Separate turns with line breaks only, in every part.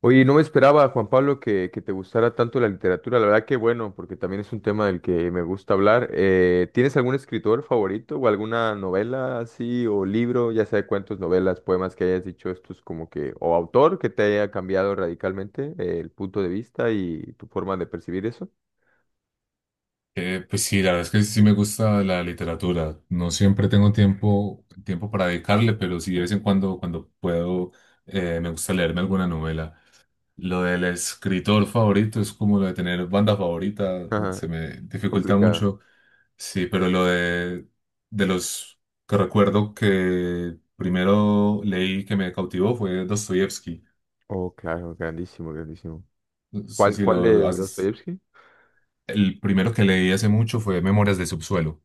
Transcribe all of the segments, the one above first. Oye, no me esperaba, Juan Pablo, que te gustara tanto la literatura. La verdad que bueno, porque también es un tema del que me gusta hablar. ¿Tienes algún escritor favorito o alguna novela así o libro, ya sea de cuentos, novelas, poemas que hayas dicho estos como que, o autor que te haya cambiado radicalmente el punto de vista y tu forma de percibir eso?
Pues sí, la verdad es que sí me gusta la literatura. No siempre tengo tiempo para dedicarle, pero sí de vez en cuando, cuando puedo, me gusta leerme alguna novela. Lo del escritor favorito es como lo de tener banda favorita,
Ajá,
se me dificulta
complicado.
mucho. Sí, pero lo de los que recuerdo que primero leí que me cautivó fue Dostoyevsky.
Oh, claro, grandísimo, grandísimo.
No sé
¿Cuál,
si
cuál
lo
de
has-
Dostoyevsky?
El primero que leí hace mucho fue Memorias de Subsuelo.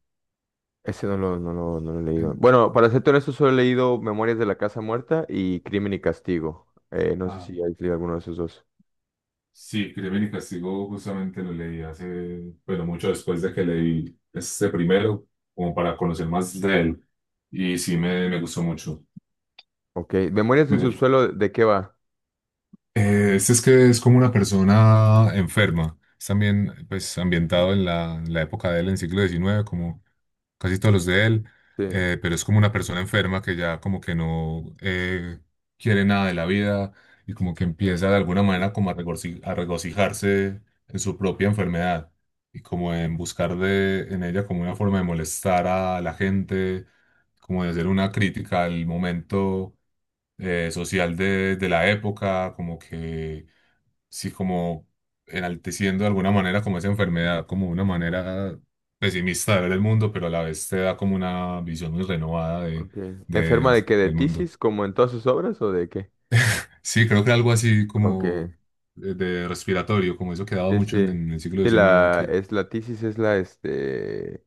Ese no lo he leído.
Eh,
Bueno, para ser honesto, solo he leído Memorias de la Casa Muerta y Crimen y Castigo. No sé si has leído alguno de esos dos.
Sí, Crimen y Castigo justamente lo leí hace, bueno, mucho después de que leí este primero, como para conocer más de él. Y sí, me gustó mucho.
Ok. Memorias del
Me-
subsuelo, ¿de qué va?
este es que es como una persona enferma. Es también, pues, ambientado en la época de él, en el siglo XIX como casi todos los de él,
Sí.
pero es como una persona enferma que ya como que no quiere nada de la vida y como que empieza de alguna manera como a regocijarse en su propia enfermedad y como en buscar en ella como una forma de molestar a la gente, como de hacer una crítica al momento social de la época, como que sí, como enalteciendo de alguna manera como esa enfermedad, como una manera pesimista de ver el mundo, pero a la vez te da como una visión muy renovada de,
Ok. ¿Enferma
de-
de qué? ¿De
del mundo.
tisis? ¿Como en todas sus obras o de qué?
Sí, creo que algo así
Ok.
como de respiratorio, como eso que daba
Sí,
mucho
sí.
en el siglo
Sí,
XIX, que
la tisis es la, este,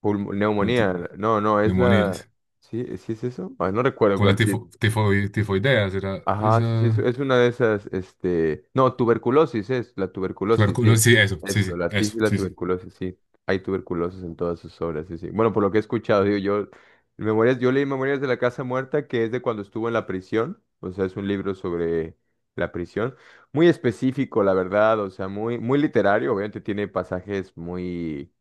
pulmo-
como
neumonía. No, no, es la...
neumonías,
¿Sí, sí es eso? Ay, no recuerdo
como la
cuál sí.
tifoidea será
Ajá, sí, sí, es,
esa...
es una de esas, este, no, tuberculosis es, la tuberculosis, sí,
tuberculosis, sí, eso, sí,
eso,
sí,
la tis y
eso,
la
sí, sí.
tuberculosis, sí, hay tuberculosis en todas sus obras, sí, sí, bueno, por lo que he escuchado, digo, yo, memorias, yo leí Memorias de la Casa Muerta, que es de cuando estuvo en la prisión, o sea, es un libro sobre la prisión, muy específico, la verdad, o sea, muy literario. Obviamente tiene pasajes muy,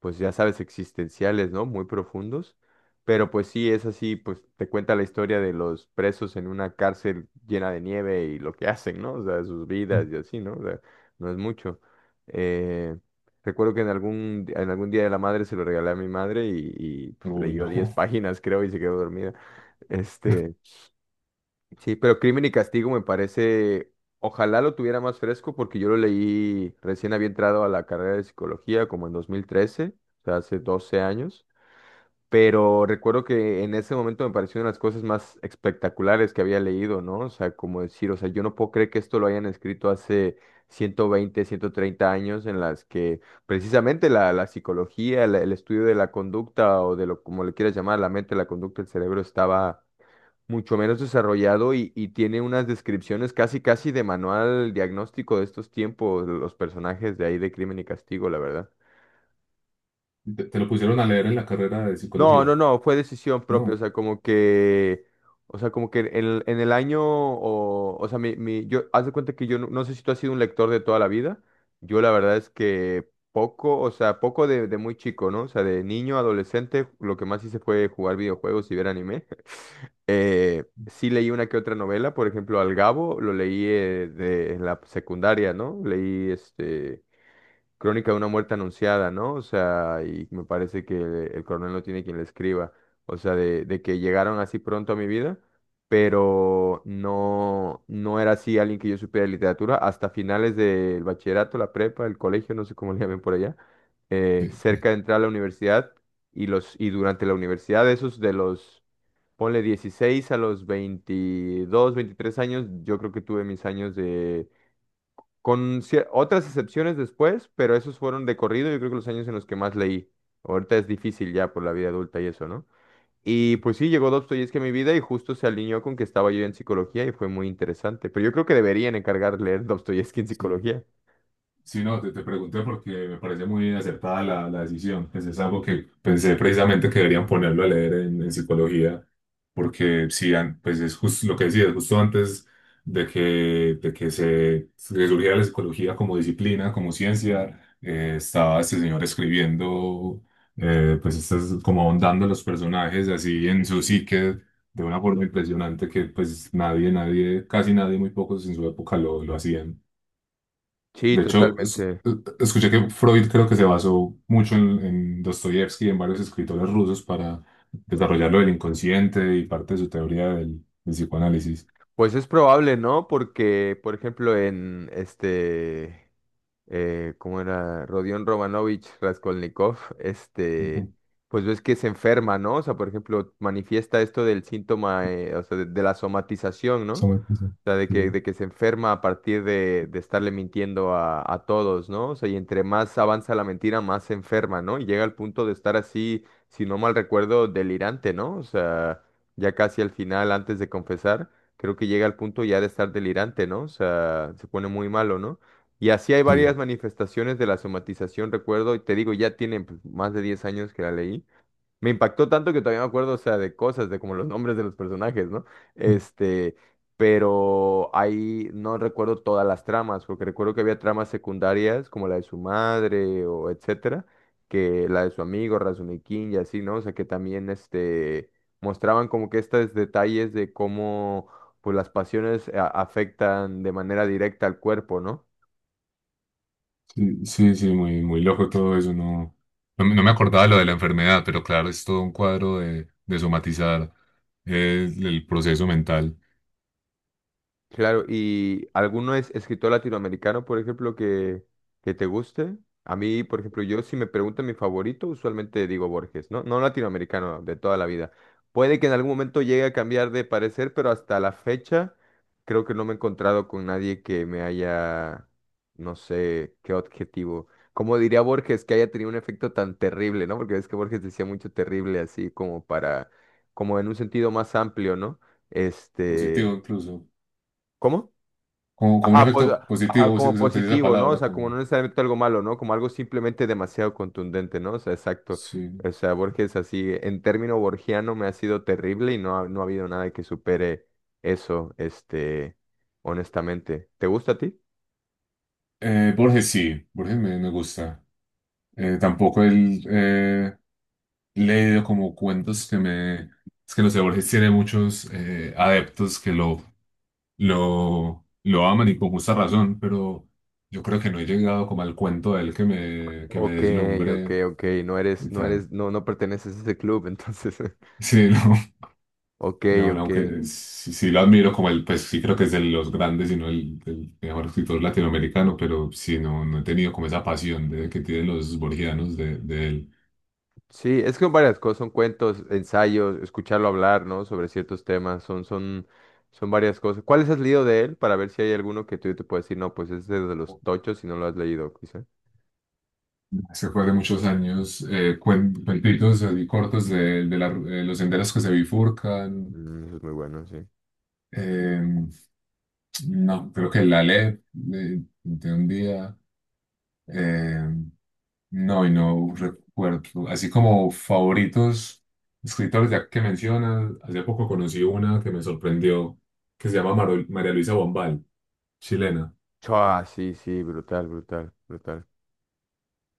pues ya sabes, existenciales, ¿no? Muy profundos. Pero pues sí, es así, pues te cuenta la historia de los presos en una cárcel llena de nieve y lo que hacen, ¿no? O sea, sus vidas
Mm.
y así, ¿no? O sea, no es mucho. Eh, Recuerdo que en algún día de la madre se lo regalé a mi madre y, pues,
Uy,
leyó
no.
10 páginas, creo, y se quedó dormida. Este, sí, pero Crimen y Castigo me parece, ojalá lo tuviera más fresco porque yo lo leí recién había entrado a la carrera de psicología como en 2013, o sea, hace 12 años, pero recuerdo que en ese momento me pareció una de las cosas más espectaculares que había leído, ¿no? O sea, como decir, o sea, yo no puedo creer que esto lo hayan escrito hace 120, 130 años, en las que precisamente la psicología, el estudio de la conducta o de lo como le quieras llamar, la mente, la conducta, el cerebro estaba mucho menos desarrollado, y tiene unas descripciones casi casi de manual diagnóstico de estos tiempos, los personajes de ahí de Crimen y Castigo, la verdad.
¿Te lo pusieron a leer en la carrera de
No,
psicología?
no, no, fue decisión propia, o
No.
sea, como que, o sea, como que en el año, o sea, yo, haz de cuenta que yo, no, no sé si tú has sido un lector de toda la vida. Yo la verdad es que poco, o sea, poco de muy chico, ¿no? O sea, de niño, adolescente, lo que más hice fue jugar videojuegos y ver anime. Sí leí una que otra novela, por ejemplo, Al Gabo, lo leí en la secundaria, ¿no? Leí este... Crónica de una muerte anunciada, ¿no? O sea, y me parece que el coronel no tiene quien le escriba. O sea, de que llegaron así pronto a mi vida, pero no, no era así alguien que yo supiera de literatura hasta finales del bachillerato, la prepa, el colegio, no sé cómo le llamen por allá,
Sí.
cerca de entrar a la universidad, y durante la universidad, esos de los, ponle 16 a los 22, 23 años, yo creo que tuve mis años de, otras excepciones después, pero esos fueron de corrido, yo creo que los años en los que más leí. Ahorita es difícil ya por la vida adulta y eso, ¿no? Y pues sí, llegó Dostoyevski a mi vida y justo se alineó con que estaba yo en psicología y fue muy interesante. Pero yo creo que deberían encargar leer Dostoyevski en
Sí.
psicología.
Sí, no, te pregunté porque me parece muy acertada la decisión. Pues es algo que pensé precisamente que deberían ponerlo a leer en psicología, porque sí, pues es justo lo que decías, justo antes de que se surgiera la psicología como disciplina, como ciencia, estaba este señor escribiendo, pues estas, como ahondando los personajes así en su psique de una forma impresionante que pues nadie, nadie, casi nadie, muy pocos en su época lo hacían.
Sí,
De hecho,
totalmente.
escuché que Freud creo que se basó mucho en Dostoyevsky y en varios escritores rusos para desarrollar lo del inconsciente y parte de su teoría del psicoanálisis.
Pues es probable, ¿no? Porque, por ejemplo, en este, ¿cómo era? Rodion Romanovich Raskolnikov, este,
Ujú.
pues ves que se enferma, ¿no? O sea, por ejemplo, manifiesta esto del síntoma, o sea, de la somatización,
Eso
¿no?
me pasa.
O sea,
Sí,
de que se enferma a partir de estarle mintiendo a todos, ¿no? O sea, y entre más avanza la mentira, más se enferma, ¿no? Y llega al punto de estar así, si no mal recuerdo, delirante, ¿no? O sea, ya casi al final, antes de confesar, creo que llega al punto ya de estar delirante, ¿no? O sea, se pone muy malo, ¿no? Y así hay varias
sí,
manifestaciones de la somatización, recuerdo, y te digo, ya tienen pues, más de 10 años que la leí. Me impactó tanto que todavía me acuerdo, o sea, de cosas, de como los nombres de los personajes, ¿no? Este, pero ahí no recuerdo todas las tramas, porque recuerdo que había tramas secundarias, como la de su madre o etcétera, que la de su amigo Razumikin y así, ¿no? O sea, que también, este, mostraban como que estos detalles de cómo, pues, las pasiones afectan de manera directa al cuerpo, ¿no?
sí, sí, sí, muy, muy loco todo eso. No, no, me no me acordaba de lo de la enfermedad, pero claro, es todo un cuadro de somatizar el proceso mental.
Claro, ¿y alguno es escritor latinoamericano, por ejemplo, que te guste? A mí, por ejemplo, yo si me preguntan mi favorito, usualmente digo Borges, ¿no? No latinoamericano, de toda la vida. Puede que en algún momento llegue a cambiar de parecer, pero hasta la fecha creo que no me he encontrado con nadie que me haya, no sé, qué objetivo. Como diría Borges, que haya tenido un efecto tan terrible, ¿no? Porque ves que Borges decía mucho terrible así, como para, como en un sentido más amplio, ¿no? Este,
Positivo incluso.
¿cómo?
Como un
Ajá, pues,
efecto
ajá,
positivo,
como
se utiliza esa
positivo, ¿no? O
palabra
sea, como no
como...
necesariamente algo malo, ¿no? Como algo simplemente demasiado contundente, ¿no? O sea, exacto.
Sí.
O sea, Borges así, en término borgiano me ha sido terrible y no ha, no ha habido nada que supere eso, este, honestamente. ¿Te gusta a ti?
Borges sí, Borges me gusta. Tampoco él leído como cuentos que me... Es que no sé, Borges tiene muchos adeptos que lo aman y con justa razón, pero yo creo que no he llegado como al cuento de él que me
Ok, ok,
deslumbre
ok. No eres,
y
no
tal.
eres, no, no perteneces a ese club, entonces.
Sí, no,
Ok,
no, no,
ok.
aunque sí, sí lo admiro como pues sí creo que es de los grandes y no el mejor escritor latinoamericano, pero sí, no, no he tenido como esa pasión que tienen los borgianos de él.
Sí, es que son varias cosas, son cuentos, ensayos, escucharlo hablar, ¿no? Sobre ciertos temas, son, son, son varias cosas. ¿Cuáles has leído de él? Para ver si hay alguno que tú te puedes decir, no, pues es de los tochos si no lo has leído, quizá.
Se fue de muchos años, cuentitos así cortos los senderos que se bifurcan.
Mm, eso es muy bueno, sí.
eh, no, creo que la ley de un día. eh, no, y no recuerdo. Así como favoritos escritores, ya que mencionas, hace poco conocí una que me sorprendió, que se llama María Luisa Bombal, chilena,
Chua, sí, sí, brutal, brutal, brutal.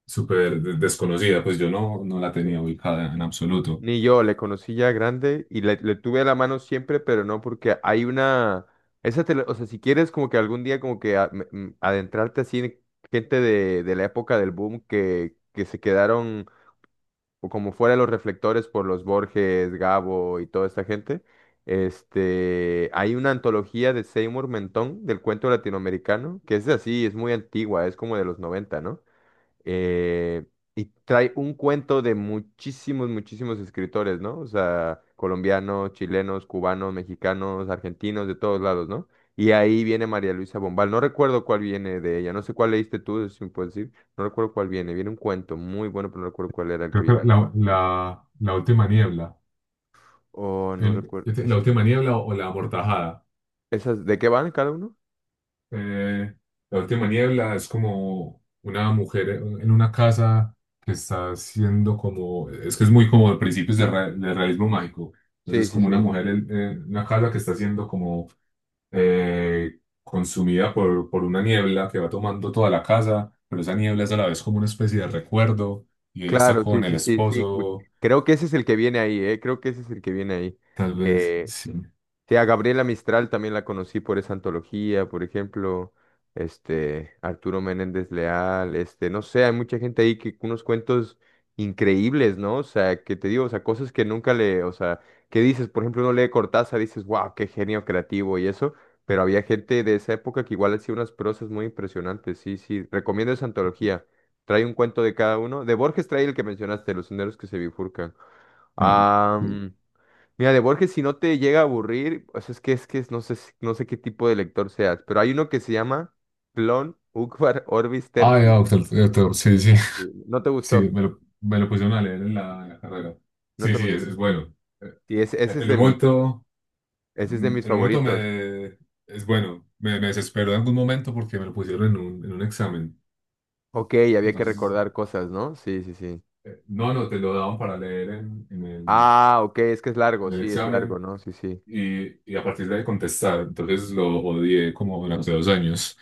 súper desconocida, pues yo no la
Sí.
tenía ubicada en absoluto.
Ni yo, le conocí ya grande y le tuve a la mano siempre, pero no porque hay una... Esa te la- o sea, si quieres como que algún día como que adentrarte así en gente de la época del boom que se quedaron o como fuera de los reflectores por los Borges, Gabo y toda esta gente, este, hay una antología de Seymour Mentón del cuento latinoamericano, que es así, es muy antigua, es como de los 90, ¿no? Eh, y trae un cuento de muchísimos, muchísimos escritores, ¿no? O sea, colombianos, chilenos, cubanos, mexicanos, argentinos, de todos lados, ¿no? Y ahí viene María Luisa Bombal. No recuerdo cuál viene de ella. No sé cuál leíste tú, si me puedes decir. No recuerdo cuál viene. Viene un cuento muy bueno, pero no recuerdo cuál era el que
Creo que
viene.
la última niebla.
Oh, no recuerdo.
Este, la
Es-
última niebla o, la amortajada.
¿Esas de qué van cada uno?
Eh, la última niebla es como una mujer en una casa que está haciendo como. Es que es muy como de principios del realismo mágico.
Sí,
Entonces,
sí,
como una
sí.
mujer en una casa que está siendo como consumida por una niebla que va tomando toda la casa, pero esa niebla es a la vez como una especie de recuerdo y ella está
Claro, sí,
con el
sí, sí, sí.
esposo,
Creo que ese es el que viene ahí, ¿eh? Creo que ese es el que viene ahí.
tal vez.
Eh,
Sí.
Sí, a Gabriela Mistral también la conocí por esa antología, por ejemplo, este, Arturo Menéndez Leal, este, no sé, hay mucha gente ahí que unos cuentos increíbles, ¿no? O sea, que te digo, o sea, cosas que nunca le, o sea, que dices, por ejemplo, uno lee Cortázar, dices, wow, qué genio creativo y eso, pero había gente de esa época que igual hacía unas prosas muy impresionantes. Sí, sí, recomiendo esa antología, trae un cuento de cada uno. De Borges trae el que mencionaste, Los senderos que se bifurcan.
Ah,
Ah... Mira, de Borges, si no te llega a aburrir, o sea, no sé, no sé qué tipo de lector seas, pero hay uno que se llama Clon Ukvar Orbis
Ah, de
Tertia.
Doctor, Doctor, sí, sí,
Sí, no te
sí,
gustó,
me lo pusieron a leer en la carrera.
no
Sí,
te
sí, es,
gustó.
es bueno. Eh,
Sí, ese es
En
de
un
mis,
momento,
ese es de mis
en un momento
favoritos.
me, es bueno, me desesperó en algún momento porque me lo pusieron en un examen.
Ok, había que
Entonces,
recordar cosas, ¿no? Sí, sí, sí.
no, no, te lo daban para leer en, en el,
Ah, ok, es que es largo,
en el
sí, es largo,
examen
¿no? Sí, sí.
y a partir de ahí contestar. Entonces lo odié como durante 2 años,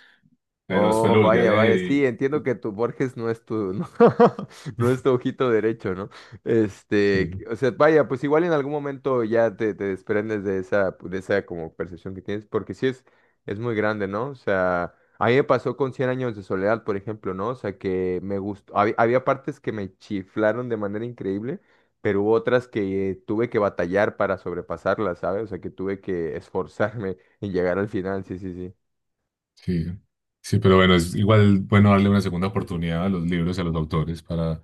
pero después
Oh,
lo volví a
vaya,
leer
vaya, sí,
y...
entiendo que tu Borges no es tu, no, no es tu ojito derecho, ¿no? Este,
Sí.
o sea, vaya, pues igual en algún momento ya te desprendes de esa como percepción que tienes, porque sí es muy grande, ¿no? O sea, a mí me pasó con cien años de soledad, por ejemplo, ¿no? O sea, que me gustó, había partes que me chiflaron de manera increíble, pero hubo otras que tuve que batallar para sobrepasarlas, ¿sabes? O sea, que tuve que esforzarme en llegar al final, sí, sí, sí,
Sí, sí, pero bueno, es igual bueno darle una segunda oportunidad a los libros y a los autores para,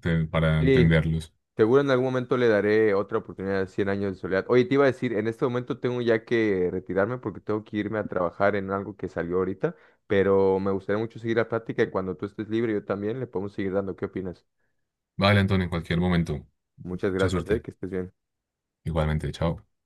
te- para
sí.
entenderlos.
Seguro en algún momento le daré otra oportunidad a cien años de soledad. Oye, te iba a decir, en este momento tengo ya que retirarme porque tengo que irme a trabajar en algo que salió ahorita, pero me gustaría mucho seguir la plática y cuando tú estés libre yo también le podemos seguir dando. ¿Qué opinas?
Vale, Antonio, en cualquier momento.
Muchas
Mucha
gracias,
suerte.
que estés bien.
Igualmente, chao.